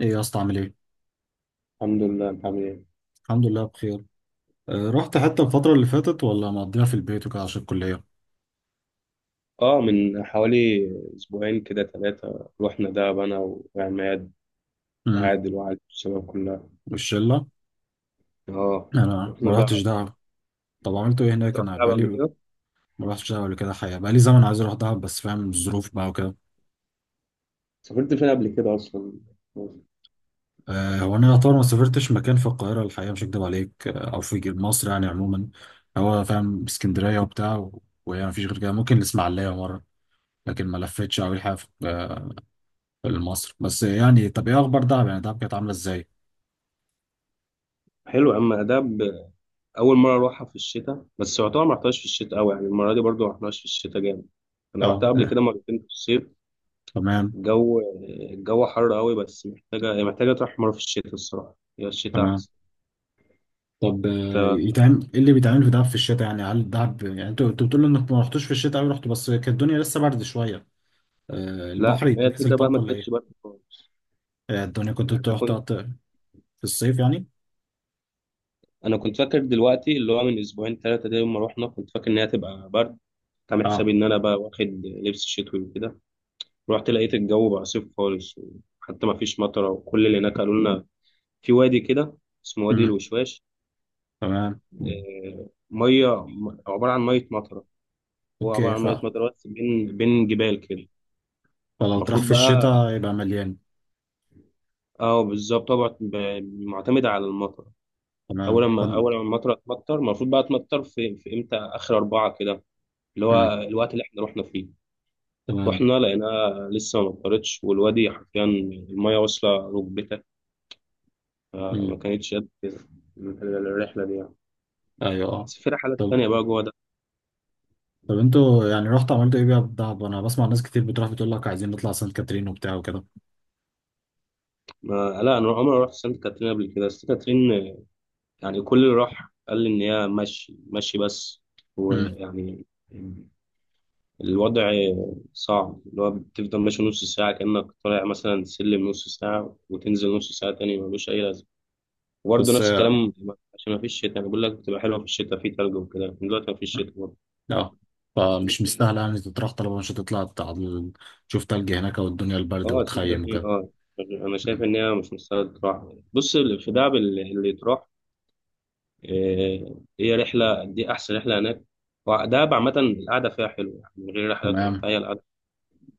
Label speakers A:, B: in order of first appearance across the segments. A: ايه يا اسطى، عامل ايه؟
B: الحمد لله، انت عامل ايه؟
A: الحمد لله بخير. رحت حتة الفترة اللي فاتت ولا مقضيها في البيت وكده عشان الكلية؟
B: اه، من حوالي اسبوعين كده ثلاثة رحنا دهب، انا وعماد
A: امم.
B: وعادل الشباب كلها.
A: والشلة؟
B: اه
A: انا
B: رحنا
A: ما رحتش
B: دهب.
A: دهب. طب عملت ايه هناك؟
B: أنت رحت
A: انا
B: دهب قبل
A: بقالي
B: كده؟
A: ما رحتش دهب قبل كده، حقيقة بقالي زمن عايز اروح دهب بس فاهم الظروف بقى وكده.
B: سافرت فين قبل كده اصلا؟
A: هو انا يعتبر ما سافرتش مكان في القاهرة الحقيقة، مش هكدب عليك، او في مصر يعني عموما. هو فاهم اسكندرية وبتاع وهي مفيش غير كده، ممكن الاسماعيلية مرة. لكن ما لفتش أوي الحقيقة في مصر بس يعني. طب ايه اخبار دهب؟ يعني دهب كانت عاملة ازاي؟
B: حلو يا عم دهب. اول مرة اروحها في الشتاء، بس يعتبر ما رحتهاش في الشتاء قوي، يعني المرة دي برضو ما رحناش في الشتاء جامد. انا
A: اه
B: رحتها قبل كده مرتين في الصيف.
A: تمام.
B: الجو الجو حر قوي، بس هي محتاجة تروح مرة في الشتاء. الصراحة هي الشتاء
A: تمام.
B: احسن.
A: طب يتعمل ايه اللي بيتعمل في دهب في الشتاء؟ يعني هل دهب، يعني انتوا بتقولوا انك ما رحتوش في الشتاء قوي، رحتوا بس كانت الدنيا لسه برد شويه.
B: لا،
A: البحر
B: ما هي
A: يتنزل
B: الفكرة بقى
A: طب
B: ما
A: ولا
B: كانتش
A: ايه؟
B: برد خالص.
A: الدنيا كنت
B: يعني أنا
A: انتوا رحتوا في الصيف يعني؟
B: انا كنت فاكر دلوقتي اللي هو من اسبوعين ثلاثه ده، يوم ما رحنا كنت فاكر ان هي تبقى برد. كنت عامل حسابي
A: اه.
B: ان انا بقى واخد لبس شتوي وكده. رحت لقيت الجو بقى صيف خالص، وحتى ما فيش مطره. وكل اللي هناك قالوا لنا في وادي كده اسمه وادي
A: امم.
B: الوشواش.
A: تمام.
B: عباره عن ميه مطره. هو عباره
A: اوكي
B: عن ميه مطره، بس بين جبال كده.
A: فلو تروح
B: المفروض
A: في
B: بقى،
A: الشتاء يبقى مليان.
B: اه بالظبط طبعا، معتمد على المطر. اول
A: تمام
B: ما اول ما المطره تمطر المفروض بقى تمطر في امتى، اخر اربعه كده، اللي
A: مم.
B: هو الوقت اللي احنا رحنا فيه.
A: تمام.
B: رحنا لقيناها لسه ما امطرتش، والوادي حرفيا المية واصلة ركبتك. فما
A: مم.
B: كانتش قد كده الرحلة دي يعني.
A: ايوه اه.
B: بس في رحلات
A: طب
B: تانية بقى جوه ده.
A: طب انتوا يعني رحتوا عملتوا ايه بقى في دهب؟ انا بسمع ناس كتير بتروح بتقول لك عايزين نطلع سانت كاترين وبتاع وكده.
B: ما لا، أنا عمري ما رحت سانت كاترين قبل كده. سانت كاترين يعني كل اللي راح قال لي إن هي مشي مشي بس،
A: مم.
B: ويعني الوضع صعب. اللي هو بتفضل ماشي نص ساعة، كأنك طالع مثلا سلم نص ساعة، وتنزل نص ساعة تاني، ملوش أي لازمة. وبرضه
A: بس
B: نفس الكلام، عشان ما فيش شتاء. أنا بقول لك بتبقى حلوة في الشتاء، في تلج وكده، لكن دلوقتي ما فيش شتاء.
A: اه، فمش مستاهله يعني تطرح، طالما مش هتطلع تشوف تلج هناك والدنيا البرد
B: اه، سنت
A: وتخيم
B: كاترين،
A: وكده.
B: اه، انا شايف
A: مم.
B: ان هي مش مستاهله تروح. بص، في دهب اللي تروح، هي رحله دي احسن رحله هناك. ودهب عامه القعده فيها حلوه، يعني من غير رحلات ولا
A: تمام.
B: بتاع، هي القعده.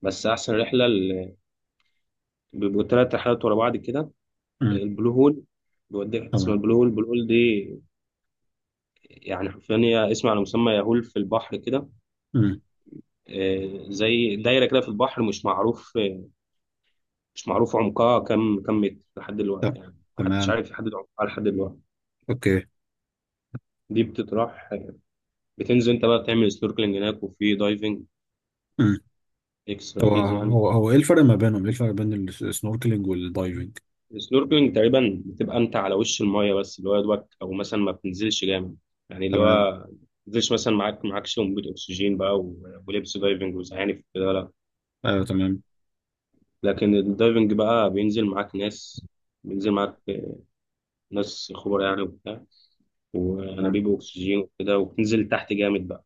B: بس احسن رحله اللي بيبقوا ثلاث رحلات ورا بعض كده،
A: مم.
B: البلو هول. بيوديك حتة اسمها
A: تمام.
B: البلو هول. البلو هول دي يعني حرفيا هي اسم على مسمى، يهول في البحر كده.
A: مم.
B: آه، زي دايره كده في البحر، مش معروف، مش معروف عمقها، كم متر لحد دلوقتي.
A: طب.
B: يعني محدش
A: تمام.
B: عارف يحدد عمقها لحد دلوقتي.
A: اوكي.
B: دي بتتراح، بتنزل انت بقى بتعمل سنوركلينج هناك، وفي دايفنج،
A: مم.
B: اكسترا
A: هو
B: فيز يعني.
A: هو هو ايه الفرق ما بينهم ايه الفرق بين السنوركلينج والدايفنج؟
B: السنوركلينج تقريبا بتبقى انت على وش المايه بس، اللي هو يا دوبك، او مثلا ما بتنزلش جامد. يعني اللي
A: تمام.
B: هو ما بتنزلش، مثلا معاكش انبوبة اكسجين بقى، ولبس دايفنج وزعانف كده، لا.
A: ايوه تمام.
B: لكن الدايفنج بقى بينزل معاك ناس، بينزل معاك خبراء يعني وبتاع،
A: تمام.
B: وانابيب اكسجين وكده، وبتنزل تحت جامد بقى.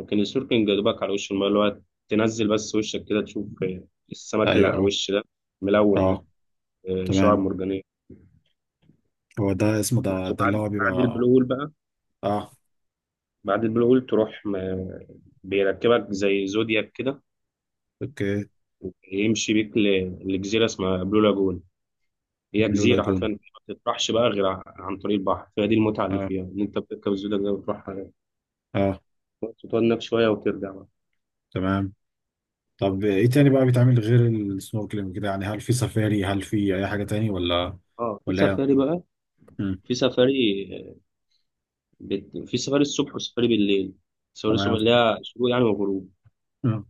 B: لكن السنوركلينج يا دوبك على وش المايه، اللي هو تنزل بس وشك كده تشوف السمك اللي
A: ايوه
B: على
A: اه
B: الوش ده، ملون ده،
A: اه.
B: شعاب
A: تمام.
B: مرجانية.
A: هو ده اسمه
B: بس،
A: ده اللي
B: وبعد
A: هو
B: بعد البلو
A: بيبقى.
B: هول بقى،
A: اه.
B: بعد البلو هول تروح، بيركبك زي زودياك كده،
A: اوكي.
B: يمشي بيك لجزيرة اسمها بلو لاجون. هي
A: بلو
B: جزيرة حرفيا
A: لاجون.
B: ما بتطرحش بقى غير عن طريق البحر. فدي المتعة اللي
A: اه.
B: فيها إن أنت بتركب الزودياك ده وتروح
A: اه.
B: تقعد هناك شوية وترجع بقى.
A: تمام. طب ايه تاني بقى بيتعمل غير السنوركلينج كده؟ يعني هل في سفاري؟ هل في اي حاجة تاني ولا؟
B: اه، في
A: ولا.
B: سفاري بقى،
A: امم.
B: في سفاري، في سفاري الصبح وسفاري بالليل. سفاري الصبح
A: تمام.
B: اللي هي شروق يعني وغروب.
A: امم.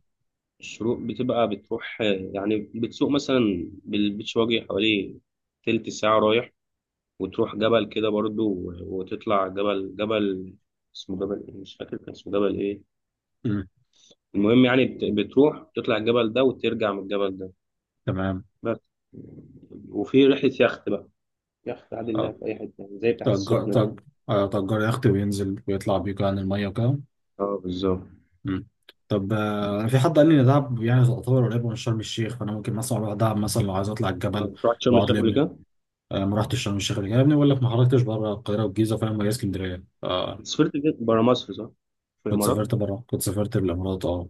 B: الشروق بتبقى بتروح، يعني بتسوق مثلا بالبيتش، واجي حوالي تلت ساعة رايح، وتروح جبل كده برضو، وتطلع جبل اسمه جبل إيه؟ مش فاكر كان اسمه جبل ايه.
A: امم.
B: المهم يعني بتروح تطلع الجبل ده وترجع من الجبل ده
A: تمام.
B: بس. وفي رحلة يخت بقى، يخت عادي اللي
A: اه.
B: في أي حتة، يعني زي بتاعت
A: تأجر
B: السخنة دي.
A: تأجر يخت وينزل ويطلع بيك عن المية وكده.
B: اه بالظبط.
A: امم. طب انا في حد قال لي ان دهب يعني تعتبر قريبة من شرم الشيخ، فانا ممكن مثلا اروح دهب مثلا لو عايز اطلع
B: آه،
A: الجبل
B: رحت شرم
A: واقعد
B: الشيخ
A: لي
B: قبل
A: ابني.
B: كده؟
A: ما رحتش شرم الشيخ قبل كده يا ابني، بقول لك ما خرجتش بره القاهرة والجيزة، فاهم، وهي اسكندرية
B: أنت سافرت فين؟ برا مصر صح؟ في
A: كنت
B: الإمارات؟
A: سافرت بره، كنت سافرت الامارات اه.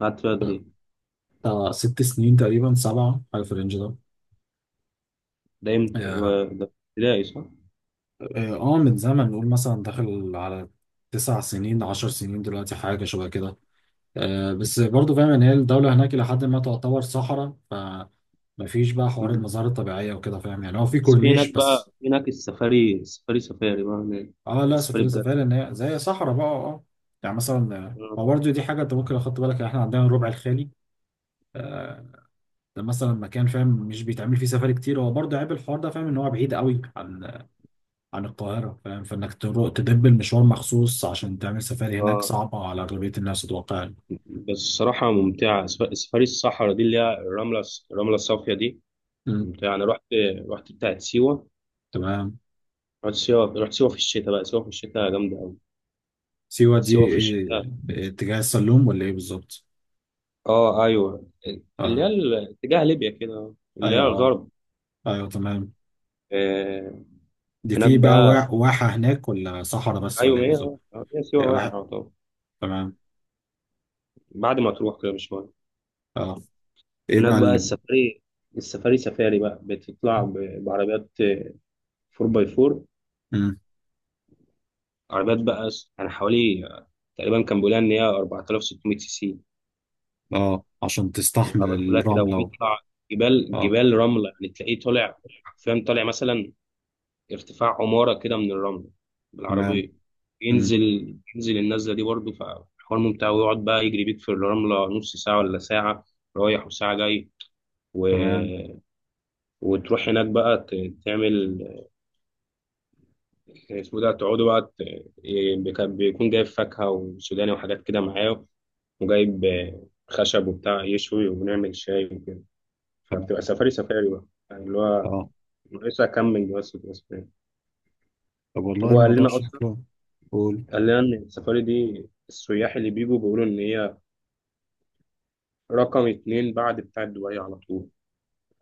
B: قعدت فيها قد إيه؟
A: بتاع 6 سنين تقريبا، 7، حاجة في الرينج ده.
B: ده إمتى؟
A: يا
B: هو ده ابتدائي صح؟
A: اه آه، من زمن، نقول مثلا داخل على 9 سنين 10 سنين دلوقتي، حاجة شبه كده. بس برضو فاهم ان هي الدولة هناك إلى حد ما تعتبر صحراء، فمفيش بقى حوار
B: مم.
A: المظاهر الطبيعية وكده، فاهم يعني، هو في
B: بس في هناك
A: كورنيش
B: بقى،
A: بس.
B: في هناك السفاري بقى هناك،
A: اه
B: على
A: لا،
B: السفاري
A: سفاري
B: بجد.
A: سفاري ان هي زي صحراء بقى اه يعني مثلا
B: اه،
A: هو برضو دي حاجة انت ممكن اخدت بالك، يعني احنا عندنا الربع الخالي. آه، ده مثلا مكان، فاهم، مش بيتعمل فيه سفاري كتير، هو برضو عيب الحوار ده، فاهم، ان هو بعيد قوي عن القاهرة، فاهم، فإنك تروح تدب المشوار مخصوص عشان تعمل سفاري هناك
B: آه.
A: صعبة على أغلبية الناس أتوقع.
B: بس الصراحة ممتعة، سفاري الصحراء دي، اللي هي الرملة الصافية دي،
A: مم.
B: ممتعة. أنا رحت، رحت بتاعت سيوة.
A: تمام.
B: رحت سيوة في الشتاء بقى، سيوة في الشتاء جامدة أوي.
A: سيوة دي
B: سيوة في
A: إيه؟
B: الشتاء،
A: إيه، اتجاه السلوم ولا إيه بالظبط؟
B: اه أيوه، اللي هي
A: آه
B: اتجاه ليبيا كده، اللي هي
A: أيوه. أه.
B: الغرب.
A: أيوه تمام.
B: آه.
A: دي
B: هناك
A: في بقى
B: بقى،
A: واحة هناك ولا صحراء بس
B: أيوه،
A: ولا
B: ما
A: إيه
B: هي،
A: بالظبط؟
B: آه، هي سيوة
A: إيه،
B: واحد
A: واحة.
B: طبعا.
A: تمام.
B: بعد ما تروح كده بشوية،
A: أه. إيه
B: هناك
A: بقى
B: بقى
A: اللي.
B: السفاري. السفاري بقى بتطلع بعربيات 4 باي 4،
A: مم.
B: عربيات بقى، يعني حوالي، تقريبا كان بيقولها ان هي 4600 سي سي.
A: أه عشان تستحمل
B: العربيات كلها كده،
A: الرملة و...
B: وبيطلع جبال،
A: أه.
B: جبال رملة، يعني تلاقيه طالع، حرفيا طالع مثلا ارتفاع عمارة كده من الرملة
A: تمام.
B: بالعربية،
A: مم.
B: ينزل النزلة دي برضه، فحوار ممتع. ويقعد بقى يجري بيك في الرملة، نص ساعة ولا ساعة رايح، وساعة جاي، و...
A: تمام.
B: وتروح هناك بقى، تعمل اسمه ده، تقعدوا بقى، إيه، كان بيكون جايب فاكهة وسوداني وحاجات كده معاه، وجايب خشب وبتاع، يشوي ونعمل شاي وكده.
A: تمام.
B: فبتبقى سفاري بقى، يعني اللي هو
A: أه.
B: ناقصها كام من جواز بتبقى سفاري.
A: طب والله
B: هو قال
A: الموضوع
B: لنا أصلا،
A: شكله. قول.
B: قال لنا إن السفاري دي السياح اللي بيجوا بيقولوا إن هي رقم اتنين بعد بتاع دبي على طول،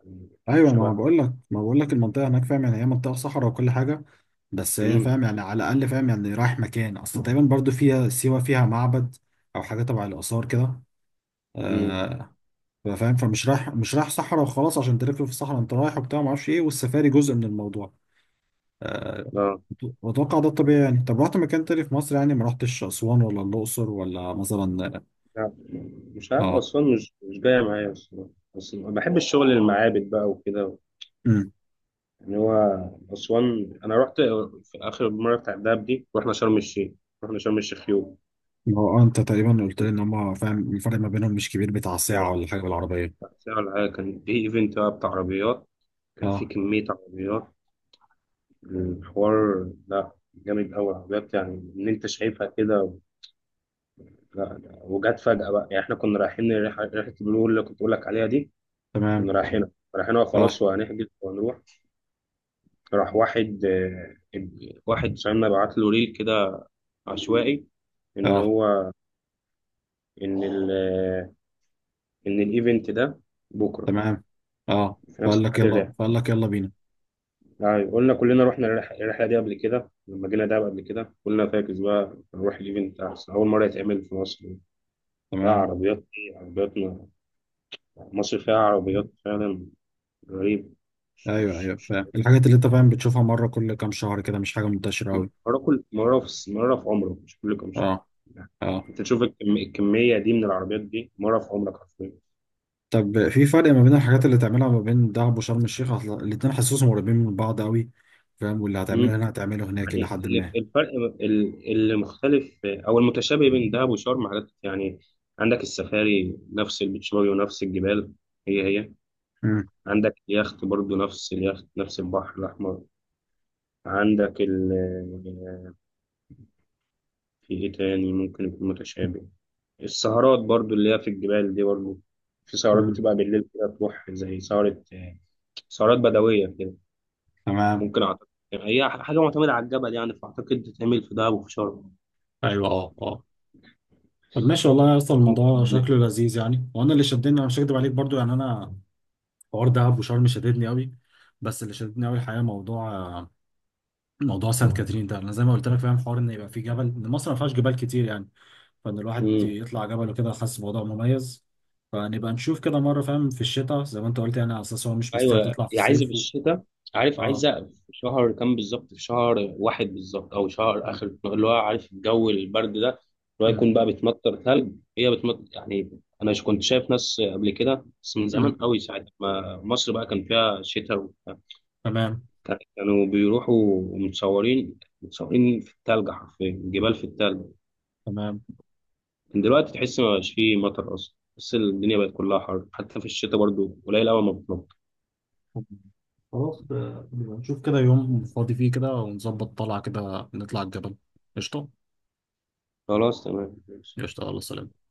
B: يعني
A: ايوه، ما
B: شبه.
A: بقول لك ما بقول لك المنطقه هناك، فاهم يعني، هي منطقه صحراء وكل حاجه. بس هي،
B: مم.
A: فاهم يعني، على الاقل، فاهم يعني، رايح مكان اصل تقريبا، برضو فيها سيوه، فيها معبد او حاجه تبع الاثار كده.
B: مم.
A: آه فاهم، فمش رايح مش رايح صحراء وخلاص عشان تلف في الصحراء انت رايح وبتاع، ما اعرفش ايه، والسفاري جزء من الموضوع. آه.
B: لا
A: واتوقع ده الطبيعي يعني. طب رحت مكان تاني في مصر؟ يعني ما رحتش اسوان ولا الاقصر ولا مثلا.
B: لا، مش عارف
A: اه.
B: أسوان. مش جاية معايا أصلا، بس بحب الشغل المعابد بقى وكده.
A: امم.
B: يعني هو أسوان، أنا رحت في آخر مرة بتاع الدهب دي. رحنا شرم الشيخ، رحنا شرم الشيخ يوم.
A: ما هو انت تقريبا قلت لي ان هم، فاهم، الفرق ما بينهم مش كبير، بتاع
B: آه،
A: ساعه ولا حاجه بالعربيه.
B: ساعة ولا حاجة. كان في إيفنت بقى بتاع عربيات، كان في
A: اه
B: كمية عربيات. الحوار لا، جامد أوي عربيات، يعني إن أنت شايفها كده. لا، لا، وجت فجأة بقى، يعني إحنا كنا رايحين، ريحة ريحة البلو اللي كنت بقول لك عليها دي،
A: تمام.
B: كنا رايحينها، رايحينها
A: اه
B: خلاص، وهنحجز وهنروح. راح واحد صاحبنا بعت له ريل كده عشوائي، إن
A: اه
B: هو، إن ال ان الايفنت ده بكره،
A: تمام. اه،
B: في نفس ميعاد الرحله.
A: فقال لك يلا بينا.
B: يعني قلنا، كلنا رحنا الرحله دي قبل كده، لما جينا دهب قبل كده قلنا فاكس بقى، نروح الايفنت احسن، اول مره يتعمل في مصر. بقى
A: تمام.
B: عربيات ايه، مصر فيها عربيات فعلا، غريب. مش
A: ايوه
B: مش
A: ايوه،
B: مش
A: فاهم الحاجات اللي، انت فاهم، بتشوفها مره كل كام شهر كده، مش حاجه منتشره قوي.
B: مره كل مره، في مره في عمرك، مش كل كام شهر
A: اه.
B: يعني.
A: اه.
B: انت تشوف الكميه دي من العربيات دي مره في عمرك حرفيا.
A: طب في فرق ما بين الحاجات اللي تعملها ما بين دهب وشرم الشيخ؟ اصل الاتنين حاسسهم قريبين من بعض قوي، فاهم، واللي هتعمله هنا هتعمله هناك الى
B: يعني
A: حد ما.
B: الفرق، اللي مختلف او المتشابه بين دهب وشرم، حاجات يعني. عندك السفاري، نفس البيتش باجي، ونفس الجبال، هي هي.
A: امم.
B: عندك يخت برضو، نفس اليخت، نفس البحر الاحمر. عندك ال في ايه تاني ممكن يكون متشابه؟ السهرات برضو، اللي هي في الجبال دي برضو، في سهرات
A: امم.
B: بتبقى بالليل كده، تروح زي سهرة، سهرات بدوية كده.
A: تمام.
B: ممكن، أعتقد يعني هي حاجة معتمدة على الجبل، يعني فأعتقد تتعمل في دهب وفي شرم.
A: ايوه اه اه. طب ماشي والله يا اسطى، الموضوع شكله لذيذ يعني. وانا اللي شدني، انا مش هكدب عليك برضو، يعني انا، حوار دهب وشرم شددني قوي، بس اللي شددني قوي الحقيقه موضوع سانت كاترين ده. انا زي ما قلت لك، فاهم، حوار ان يبقى في جبل، ان مصر ما فيهاش جبال كتير يعني، فان الواحد
B: ممكن.
A: يطلع جبل وكده حاسس الموضوع مميز. فنبقى نشوف كده مره، فاهم، في الشتاء زي ما انت قلت، يعني على اساس هو مش مستاهل
B: ايوه،
A: تطلع في
B: هي عايزه
A: الصيف و...
B: بالشتاء. عارف
A: اه.
B: عايزه في شهر كام بالظبط، في شهر واحد بالظبط، او شهر
A: م-
B: اخر، اللي هو عارف، الجو البرد ده، اللي هو
A: م-
B: يكون بقى بتمطر ثلج. هي بتمطر، يعني انا كنت شايف ناس قبل كده، بس من
A: م.
B: زمان قوي، ساعه ما مصر بقى كان فيها شتاء وبتاع.
A: تمام.
B: كانوا بيروحوا متصورين، في الثلج حرفيا، جبال في الثلج.
A: تمام.
B: لكن دلوقتي تحس ما بقاش فيه مطر اصلا، بس الدنيا بقت كلها حر، حتى في الشتاء برضو قليل قوي ما بتمطر.
A: خلاص، نبقى نشوف كده يوم فاضي فيه كده ونظبط طلعه كده، نطلع الجبل. قشطه.
B: خلاص، تمام، ماشي.
A: قشطه الله سلام.